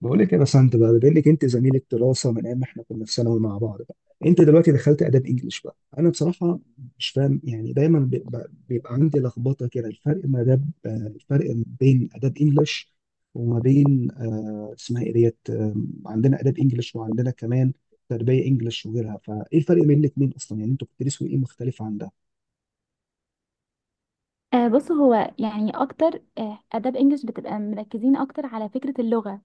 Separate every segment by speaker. Speaker 1: بقول لك إيه يا بسنت بقى، بما انك انت زميله دراسه من ايام ما احنا كنا في ثانوي مع بعض بقى. انت دلوقتي دخلت اداب انجلش بقى. انا بصراحه مش فاهم، يعني دايما بيبقى عندي لخبطه كده، الفرق ما اداب الفرق ما بين اداب انجلش وما بين اسمها ايه ديت، عندنا اداب انجلش وعندنا كمان تربيه انجلش وغيرها، فايه الفرق بين الاثنين اصلا؟ يعني انتوا بتدرسوا ايه مختلف عن ده؟
Speaker 2: بص، هو يعني اكتر اداب انجلش بتبقى مركزين اكتر على فكرة اللغة.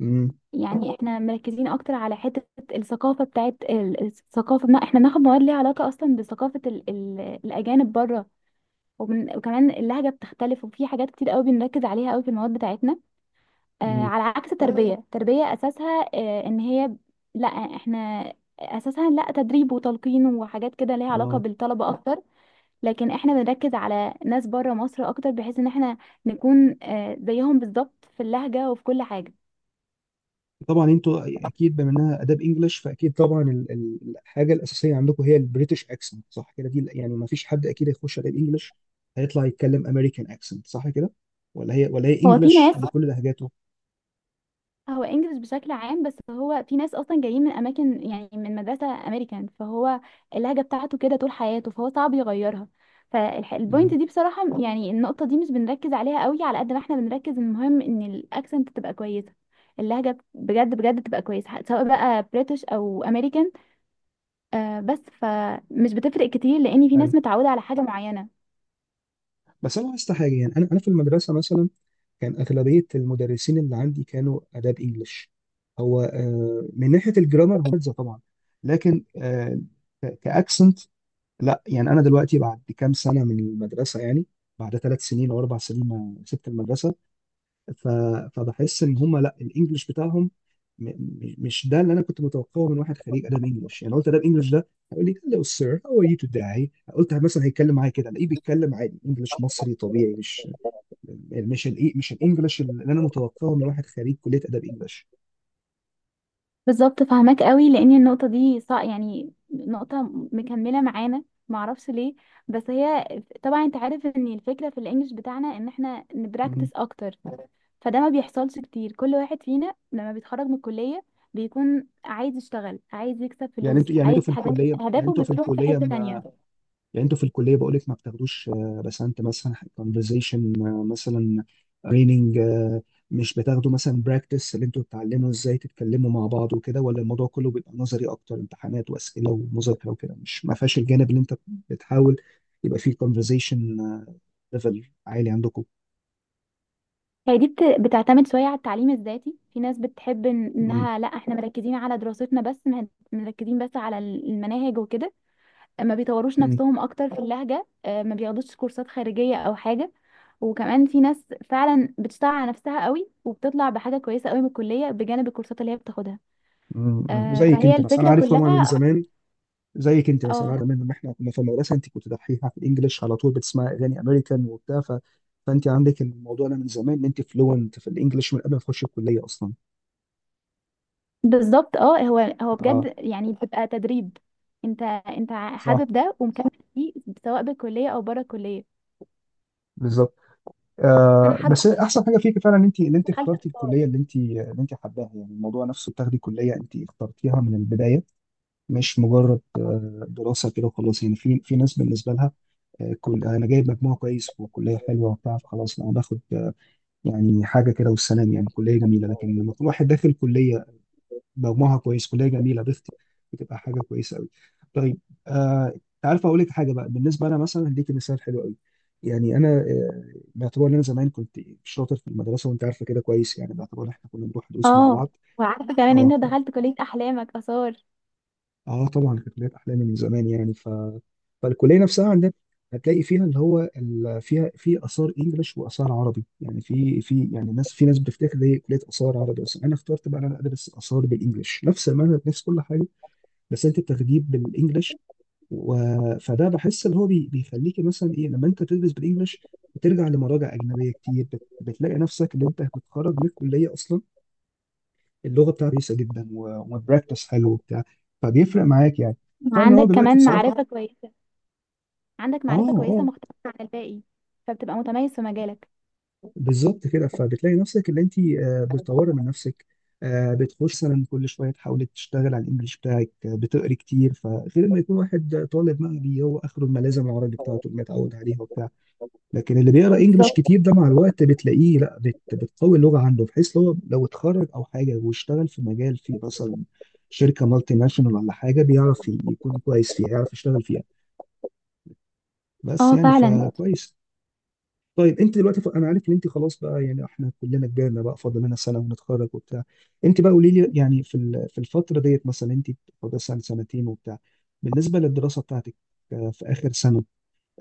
Speaker 1: امم
Speaker 2: يعني احنا مركزين اكتر على حته الثقافه بتاعت الثقافه، بنا احنا بناخد مواد ليها علاقه اصلا بثقافه ال ال الاجانب بره. وكمان اللهجه بتختلف، وفي حاجات كتير قوي بنركز عليها قوي في المواد بتاعتنا.
Speaker 1: امم
Speaker 2: على عكس تربيه اساسها ان هي، لا احنا، اساسها لا تدريب وتلقين وحاجات كده ليها علاقه
Speaker 1: اه
Speaker 2: بالطلبه اكتر. لكن احنا بنركز على ناس بره مصر اكتر، بحيث ان احنا نكون زيهم بالظبط في اللهجه وفي كل حاجه.
Speaker 1: طبعا انتوا اكيد، بما انها اداب انجلش فاكيد طبعا الحاجه الاساسيه عندكم هي البريتش اكسنت، صح كده؟ دي يعني ما فيش حد اكيد هيخش اداب انجلش هيطلع يتكلم امريكان اكسنت، صح كده؟ ولا هي، ولا هي
Speaker 2: هو في
Speaker 1: انجلش
Speaker 2: ناس
Speaker 1: بكل لهجاته.
Speaker 2: هو انجلش بشكل عام، بس هو في ناس اصلا جايين من اماكن يعني من مدرسه امريكان، فهو اللهجه بتاعته كده طول حياته، فهو صعب يغيرها. فالبوينت
Speaker 1: مم.
Speaker 2: دي بصراحه يعني النقطه دي مش بنركز عليها قوي على قد ما احنا بنركز، المهم ان الاكسنت تبقى كويسه، اللهجه بجد بجد تبقى كويسه سواء بقى بريتش او امريكان. بس فمش بتفرق كتير لان في
Speaker 1: حلو.
Speaker 2: ناس متعوده على حاجه معينه.
Speaker 1: بس انا لاحظت حاجه، يعني انا في المدرسه مثلا كان اغلبيه المدرسين اللي عندي كانوا اداب انجلش. هو من ناحيه الجرامر هم طبعا، لكن كاكسنت لا. يعني انا دلوقتي بعد كام سنه من المدرسه، يعني بعد ثلاث سنين او اربع سنين ما سبت المدرسه، ف... فبحس ان هم لا، الانجليش بتاعهم مش ده اللي انا كنت متوقعه من واحد خريج ادب انجليش. يعني قلت ادب انجليش ده هيقول لي هلو سير هاو ار يو توداي، قلت مثلا هيتكلم معايا كده، الاقيه بيتكلم عادي انجليش مصري طبيعي، مش مش الانجليش اللي انا متوقعه من واحد خريج كليه ادب انجليش.
Speaker 2: بالظبط، فاهماك قوي، لان النقطه دي يعني نقطه مكمله معانا، معرفش ليه، بس هي. طبعا انت عارف ان الفكره في الانجليش بتاعنا ان احنا نبراكتس
Speaker 1: مم.
Speaker 2: اكتر، فده ما بيحصلش كتير. كل واحد فينا لما بيتخرج من الكليه بيكون عايز يشتغل، عايز يكسب
Speaker 1: يعني
Speaker 2: فلوس،
Speaker 1: انتوا يعني انتوا
Speaker 2: عايز
Speaker 1: في
Speaker 2: حاجات،
Speaker 1: الكليه يعني
Speaker 2: اهدافه
Speaker 1: انتوا في
Speaker 2: بتروح في
Speaker 1: الكليه
Speaker 2: حته تانية.
Speaker 1: يعني انتوا في الكليه بقول لك ما بتاخدوش بسنت مثلا كونفرزيشن مثلا، ريننج، مش بتاخدوا مثلا براكتس اللي انتوا بتتعلموا ازاي تتكلموا مع بعض وكده؟ ولا الموضوع كله بيبقى نظري اكتر، امتحانات واسئله ومذاكره وكده، مش ما فيهاش الجانب اللي انت بتحاول يبقى فيه كونفرزيشن ليفل عالي عندكم؟
Speaker 2: هي دي بتعتمد شويه على التعليم الذاتي، في ناس بتحب
Speaker 1: مم.
Speaker 2: انها، لا احنا مركزين على دراستنا بس، مركزين بس على المناهج وكده، ما بيطوروش
Speaker 1: مم.
Speaker 2: نفسهم اكتر في اللهجة، ما بياخدوش كورسات خارجية او حاجة. وكمان في ناس فعلا بتشتغل على نفسها قوي، وبتطلع بحاجة كويسة قوي من الكلية بجانب الكورسات اللي هي بتاخدها.
Speaker 1: مم. زيك
Speaker 2: فهي
Speaker 1: انت مثلا، انا
Speaker 2: الفكرة
Speaker 1: عارف طبعا من
Speaker 2: كلها.
Speaker 1: زمان، زيك انت مثلا، عارف
Speaker 2: اه،
Speaker 1: زمان لما احنا كنا في المدرسه انت كنت دحيحه في الانجليش على طول، بتسمعي اغاني امريكان وبتاع، فانت عندك الموضوع ده من زمان، ان انت فلوينت في الانجليش من قبل ما تخشي الكليه اصلا.
Speaker 2: بالظبط. اه، هو
Speaker 1: اه.
Speaker 2: بجد، يعني بتبقى تدريب، انت
Speaker 1: صح.
Speaker 2: حابب ده ومكمل فيه سواء بالكلية او بره الكلية.
Speaker 1: بالظبط.
Speaker 2: انا
Speaker 1: آه
Speaker 2: حابة.
Speaker 1: بس احسن حاجه فيك فعلا ان انت اخترتي الكليه اللي انت حباها. يعني الموضوع نفسه، بتاخدي كليه انت اخترتيها من البدايه، مش مجرد دراسه كده وخلاص. يعني في ناس بالنسبه لها كل انا جايب مجموع كويس وكليه حلوه وبتاع، فخلاص انا باخد يعني حاجه كده والسلام. يعني كليه جميله، لكن لما يكون واحد داخل كليه ضمها كويس، كليه جميله، بتبقى حاجه كويسه قوي. طيب. آه انت عارف اقول لك حاجه بقى؟ بالنسبه انا مثلا، هديك مثال حلو قوي. يعني انا باعتبار ان انا زمان كنت شاطر في المدرسه، وانت عارفه كده كويس، يعني باعتبار إن احنا كنا بنروح دروس مع
Speaker 2: اه،
Speaker 1: بعض.
Speaker 2: وعارفة كمان إن
Speaker 1: اه.
Speaker 2: انت دخلت كلية احلامك اثار.
Speaker 1: اه طبعا، كانت لعبة احلامي من زمان، يعني ف فالكليه نفسها عندنا هتلاقي فيها اللي هو فيها في اثار انجليش واثار عربي. يعني في يعني ناس، في ناس بتفتكر هي كليه اثار عربي اصلا. انا اخترت بقى إن انا ادرس اثار بالانجليش، نفس المنهج نفس كل حاجه، بس انت بتاخديه بالانجليش، و... فده بحس اللي هو بيخليك مثلا ايه، لما انت تدرس بالانجليش بترجع لمراجع اجنبيه كتير، بتلاقي نفسك اللي انت بتخرج من الكليه اصلا اللغه بتاعته كويسه جدا، والبراكتس حلو وبتاع، فبيفرق معاك يعني. فانا هو
Speaker 2: عندك
Speaker 1: دلوقتي
Speaker 2: كمان
Speaker 1: بصراحه،
Speaker 2: معرفة كويسة، عندك
Speaker 1: اه،
Speaker 2: معرفة كويسة
Speaker 1: اه،
Speaker 2: مختلفة عن الباقي، فبتبقى متميز في مجالك.
Speaker 1: بالظبط كده، فبتلاقي نفسك اللي انت بتطوري من نفسك، بتخش مثلا كل شويه تحاولي تشتغل على الانجليش بتاعك، بتقري كتير، فغير ما يكون واحد طالب مغربي هو اخره الملازم العربي بتاعته اللي متعود عليها وبتاع. لكن اللي بيقرا انجلش
Speaker 2: بالظبط،
Speaker 1: كتير ده مع الوقت بتلاقيه لا، بتقوي اللغه عنده، بحيث لو اتخرج او حاجه واشتغل في مجال فيه مثلا شركه مالتي ناشونال ولا حاجه، بيعرف يكون كويس فيها، يعرف يشتغل فيها بس
Speaker 2: اه
Speaker 1: يعني،
Speaker 2: فعلا.
Speaker 1: فكويس. طيب، انت دلوقتي انا عارف ان انت خلاص بقى، يعني احنا كلنا كبرنا بقى، فاضل لنا سنه ونتخرج وبتاع. انت بقى قولي لي، يعني في في الفتره ديت مثلا، انت فاضل سنه سنتين وبتاع، بالنسبه للدراسه بتاعتك في اخر سنه،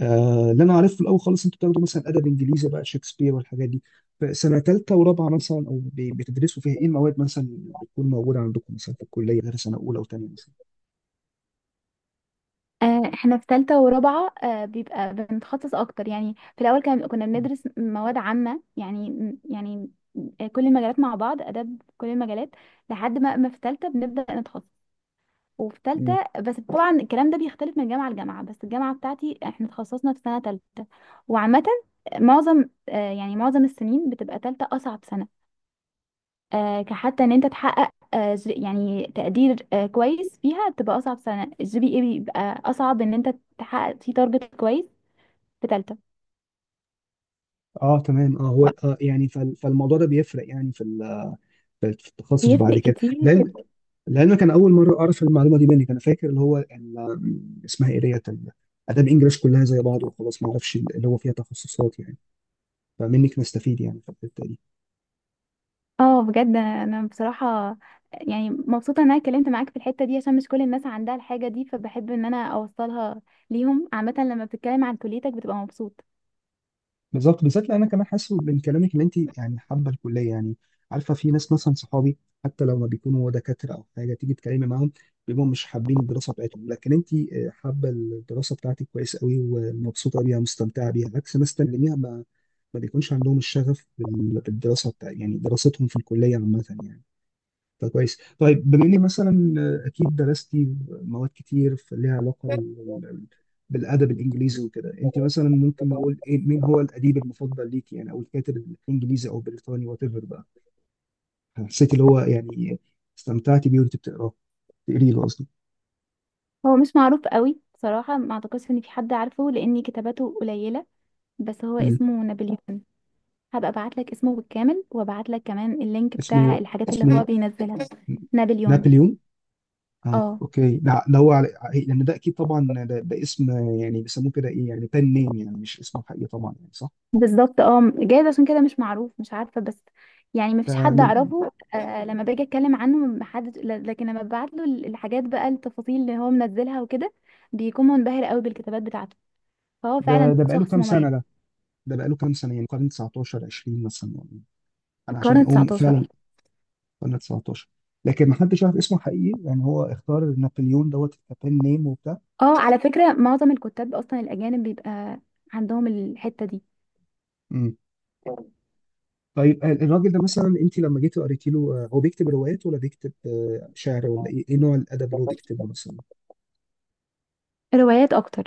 Speaker 1: اللي انا عارفه في الاول خالص انتوا بتاخدوا مثلا ادب انجليزي بقى، شكسبير والحاجات دي. فسنه ثالثه ورابعه مثلا، او بتدرسوا فيها ايه المواد مثلا اللي بتكون موجوده عندكم مثلا في الكليه، غير سنه اولى وثانيه مثلا؟
Speaker 2: احنا في ثالثة ورابعة بيبقى بنتخصص اكتر. يعني في الاول كان كنا
Speaker 1: مم.
Speaker 2: بندرس مواد عامة، يعني، يعني كل المجالات مع بعض، اداب كل المجالات، لحد ما في ثالثة بنبدأ نتخصص. وفي
Speaker 1: مم.
Speaker 2: ثالثة بس، طبعا الكلام ده بيختلف من جامعة لجامعة، بس الجامعة بتاعتي احنا تخصصنا في سنة ثالثة. وعامة معظم يعني معظم السنين بتبقى ثالثة اصعب سنة، كحتى ان انت تحقق يعني تقدير كويس فيها، بتبقى اصعب سنه، الجي بي اي بيبقى اصعب ان انت تحقق فيه تارجت كويس في تالتة.
Speaker 1: اه تمام، اه هو آه، يعني فالموضوع ده بيفرق يعني في في التخصص بعد
Speaker 2: بيفرق
Speaker 1: كده.
Speaker 2: كتير.
Speaker 1: لان لان كان اول مره اعرف المعلومه دي منك. انا فاكر اللي هو اسمها ايه ديت اداب انجلش كلها زي بعض وخلاص، ما اعرفش اللي هو فيها تخصصات يعني، فمنك نستفيد يعني في الحته دي.
Speaker 2: اه، بجد. انا بصراحه يعني مبسوطه ان انا اتكلمت معاك في الحته دي، عشان مش كل الناس عندها الحاجه دي، فبحب ان انا اوصلها ليهم. عامه لما بتتكلم عن كليتك بتبقى مبسوط.
Speaker 1: بالظبط، بالذات لان انا كمان حاسس من كلامك ان انت يعني حابه الكليه يعني. عارفه في ناس مثلا صحابي حتى لو ما بيكونوا دكاتره او حاجه، تيجي تكلمي معاهم بيبقوا مش حابين الدراسه بتاعتهم. لكن انت حابه الدراسه بتاعتك كويس قوي، ومبسوطه بيها، مستمتعه بيها، عكس ناس تانيين ما بيكونش عندهم الشغف بالدراسه بتاع، يعني دراستهم في الكليه عامه يعني. فكويس. طيب، بما اني مثلا اكيد درستي مواد كتير ليها علاقه بال- بالادب الانجليزي وكده، انت مثلا ممكن نقول ايه، مين هو الاديب المفضل ليكي يعني، او الكاتب الانجليزي او البريطاني وات ايفر بقى، حسيتي اللي هو يعني استمتعتي بيه وانت بتقراه، تقري له قصدي.
Speaker 2: هو مش معروف قوي بصراحه، ما اعتقدش ان في حد عارفه لان كتاباته قليله، بس هو
Speaker 1: مم.
Speaker 2: اسمه نابليون. هبقى ابعت لك اسمه بالكامل، وابعت لك كمان اللينك بتاع
Speaker 1: اسمه،
Speaker 2: الحاجات اللي هو
Speaker 1: اسمه
Speaker 2: بينزلها. نابليون.
Speaker 1: نابليون. اه
Speaker 2: اه
Speaker 1: اوكي، لا ده هو لان ده اكيد طبعا ده اسم يعني بيسموه كده، ايه يعني، بن نيم، يعني مش اسمه حقيقي طبعا، يعني صح؟
Speaker 2: بالظبط، اه جايز عشان كده مش معروف، مش عارفه، بس يعني ما فيش
Speaker 1: ده
Speaker 2: حد
Speaker 1: من،
Speaker 2: اعرفه. لما باجي اتكلم عنه ما حد، لكن لما ببعت له الحاجات بقى، التفاصيل اللي هو منزلها وكده، بيكون منبهر قوي بالكتابات بتاعته، فهو
Speaker 1: ده
Speaker 2: فعلا
Speaker 1: ده بقاله
Speaker 2: شخص
Speaker 1: كام
Speaker 2: مميز.
Speaker 1: سنه ده؟ ده بقاله كام سنه؟ يعني قرن 19، 20 مثلا يعني؟
Speaker 2: في
Speaker 1: انا
Speaker 2: القرن
Speaker 1: عشان اقوم فعلا.
Speaker 2: 19.
Speaker 1: قرن 19، لكن ما حدش عارف اسمه حقيقي، يعني هو اختار نابليون دوت كابين نيم وبتاع.
Speaker 2: اه على فكره، معظم الكتاب اصلا الاجانب بيبقى عندهم الحته دي.
Speaker 1: امم. طيب الراجل ده مثلا انت لما جيتي قريتي له، هو بيكتب روايات ولا بيكتب شعر؟ ولا ايه، إيه نوع الادب اللي هو بيكتبه مثلا؟
Speaker 2: روايات اكتر.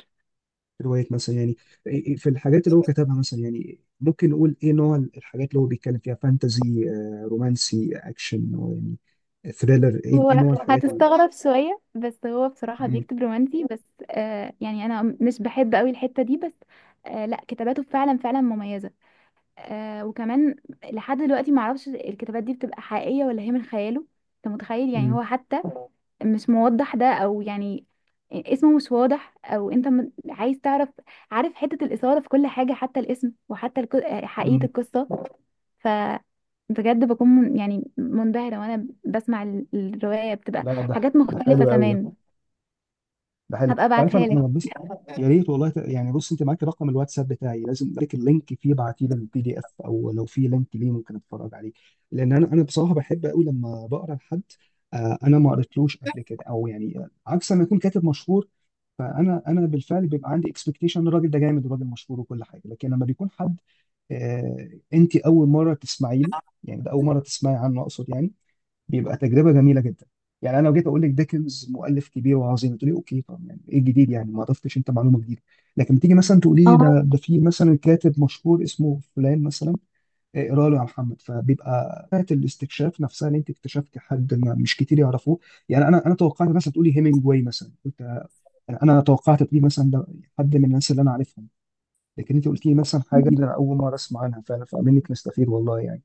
Speaker 1: روايات مثلا، يعني إيه- إيه، في الحاجات اللي هو كتبها مثلا، يعني ممكن نقول ايه نوع الحاجات اللي هو بيتكلم فيها؟ فانتزي، رومانسي، اكشن، يعني ثريلر، ايه،
Speaker 2: هو
Speaker 1: إيه نوع الحاجات اللي؟
Speaker 2: هتستغرب شوية، بس هو بصراحة
Speaker 1: مم.
Speaker 2: بيكتب رومانسي بس. يعني أنا مش بحب قوي الحتة دي، بس لا كتاباته فعلا فعلا مميزة. وكمان لحد دلوقتي معرفش الكتابات دي بتبقى حقيقية ولا هي من خياله. أنت متخيل؟ يعني هو حتى مش موضح ده، أو يعني اسمه مش واضح، أو أنت عايز تعرف، عارف حتة الإثارة في كل حاجة، حتى الاسم وحتى حقيقة
Speaker 1: مم.
Speaker 2: القصة. ف بجد بكون، من يعني منبهرة وانا بسمع الرواية، بتبقى
Speaker 1: لا ده
Speaker 2: حاجات
Speaker 1: ده
Speaker 2: مختلفة
Speaker 1: حلو قوي ده،
Speaker 2: كمان.
Speaker 1: ده حلو.
Speaker 2: هبقى
Speaker 1: انت عارف
Speaker 2: ابعتها
Speaker 1: انا
Speaker 2: لك.
Speaker 1: انا بس، يا ريت والله، يعني بص، انت معاك رقم الواتساب بتاعي، لازم لك اللينك فيه، ابعتيه لي البي دي اف، او لو في لينك ليه ممكن اتفرج عليه، لان انا بصراحه بحب قوي لما بقرا لحد آه انا ما قريتلوش قبل كده، او يعني عكس ما يكون كاتب مشهور فانا انا بالفعل بيبقى عندي اكسبكتيشن الراجل ده جامد وراجل مشهور وكل حاجه. لكن لما بيكون حد انت اول مره تسمعي له، يعني ده اول مره تسمعي عنه اقصد يعني، بيبقى تجربه جميله جدا. يعني انا لو جيت اقول لك ديكنز مؤلف كبير وعظيم، تقولي اوكي، طب يعني ايه الجديد، يعني ما ضفتش انت معلومه جديده. لكن تيجي مثلا تقولي لي
Speaker 2: اه
Speaker 1: ده، في مثلا كاتب مشهور اسمه فلان مثلا، إيه، اقرا له يا محمد، فبيبقى بتاعه الاستكشاف نفسها، اللي انت اكتشفتي حد ما مش كتير يعرفوه. يعني انا توقعت مثلا تقولي هيمنجواي مثلا، قلت انا توقعت تقولي مثلا ده حد من الناس اللي انا عارفهم. لكن انت قلت لي مثلا حاجه جديدة انا اول مره اسمع عنها فعلا، فمنك نستفيد والله يعني.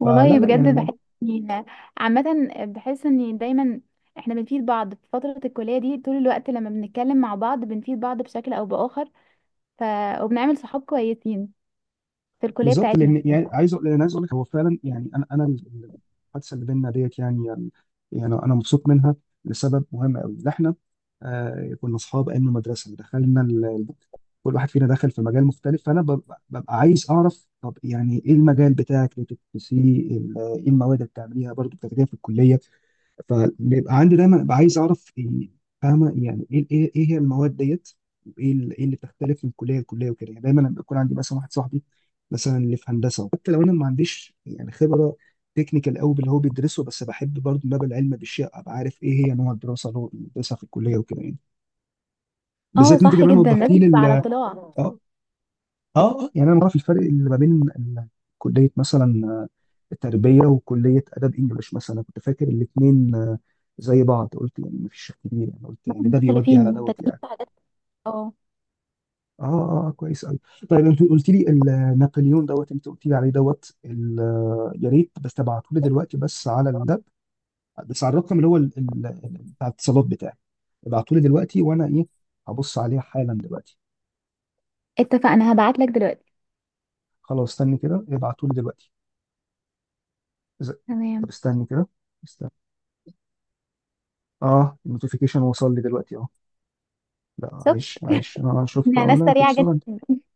Speaker 2: والله،
Speaker 1: فلا لا يعني.
Speaker 2: بجد بحس إني- عامة بحس ان دايما احنا بنفيد بعض في فترة الكلية دي. طول الوقت لما بنتكلم مع بعض بنفيد بعض بشكل او بآخر، ف... وبنعمل صحاب كويسين في الكلية
Speaker 1: بالظبط،
Speaker 2: بتاعتنا.
Speaker 1: لان يعني لان عايز اقول لك هو فعلا، يعني انا الحادثه اللي بيننا ديت يعني، يعني انا مبسوط منها لسبب مهم قوي، ان احنا آه كنا اصحاب ايام المدرسه، دخلنا كل واحد فينا دخل في مجال مختلف، فانا ببقى عايز اعرف طب يعني ايه المجال بتاعك اللي بتدرسيه، ايه المواد اللي بتعمليها برضه بتاخديها في الكليه. فبيبقى عندي دايما ببقى عايز اعرف فاهمه يعني، ايه ايه، إيه هي المواد ديت، وايه ايه اللي بتختلف من كليه لكليه وكده. يعني دايما لما يكون عندي مثلا واحد صاحبي مثلا اللي في هندسه، حتى لو انا ما عنديش يعني خبره تكنيكال قوي باللي هو بيدرسه، بس بحب برضه ان انا ابقى العلم بالشيء، ابقى عارف ايه هي نوع الدراسه اللي هو بيدرسها في الكليه وكده يعني.
Speaker 2: اه
Speaker 1: بالذات انت
Speaker 2: صح
Speaker 1: كمان
Speaker 2: جدا،
Speaker 1: وضحتي
Speaker 2: لازم
Speaker 1: لي
Speaker 2: تبقى على اطلاع.
Speaker 1: اه، اه يعني انا بعرف الفرق اللي ما بين ال- كليه مثلا تربيه، وكليه ادب انجليش مثلا. أنا كنت فاكر الاثنين زي بعض، قلت يعني ما فيش كبير يعني، قلت يعني ده بيودي
Speaker 2: مختلفين
Speaker 1: على دوت
Speaker 2: مختلفين
Speaker 1: يعني.
Speaker 2: في حاجات. اه
Speaker 1: اه اه كويس قوي. طيب انت قلت لي نابليون دوت، انت قلت لي عليه دوت يا ريت بس تبعته لي دلوقتي، بس على الدب، بس على الرقم اللي هو بتاع الاتصالات بتاعي. ابعته لي دلوقتي وانا ايه، هبص عليه حالا دلوقتي.
Speaker 2: اتفقنا، هبعت لك دلوقتي.
Speaker 1: خلاص استني كده، ابعته لي دلوقتي. إذا- طب
Speaker 2: تمام.
Speaker 1: استني كده، استنى. اه النوتيفيكيشن وصل لي دلوقتي اهو. لا
Speaker 2: شفت؟
Speaker 1: عايش، عايش، انا شفت.
Speaker 2: احنا
Speaker 1: اه
Speaker 2: ناس
Speaker 1: لا، انت
Speaker 2: سريعة جدا.
Speaker 1: بسرعه.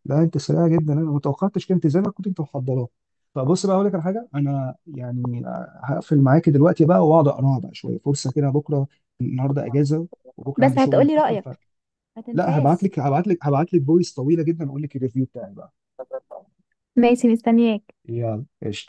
Speaker 1: لا انت سريع جدا، انا ما توقعتش، كنت زي ما كنت انت محضراه. فبص بقى اقول لك على حاجه، انا يعني هقفل معاك دلوقتي بقى واقعد اقراها بقى شويه، فرصه كده بكره، النهارده اجازه وبكره عندي
Speaker 2: بس
Speaker 1: شغل
Speaker 2: هتقولي
Speaker 1: متاخر.
Speaker 2: رأيك، ما
Speaker 1: فلا،
Speaker 2: تنساش.
Speaker 1: هبعت لك فويس طويله جدا، اقول لك الريفيو بتاعي بقى.
Speaker 2: ماشي، مستنياك.
Speaker 1: يلا قشطه.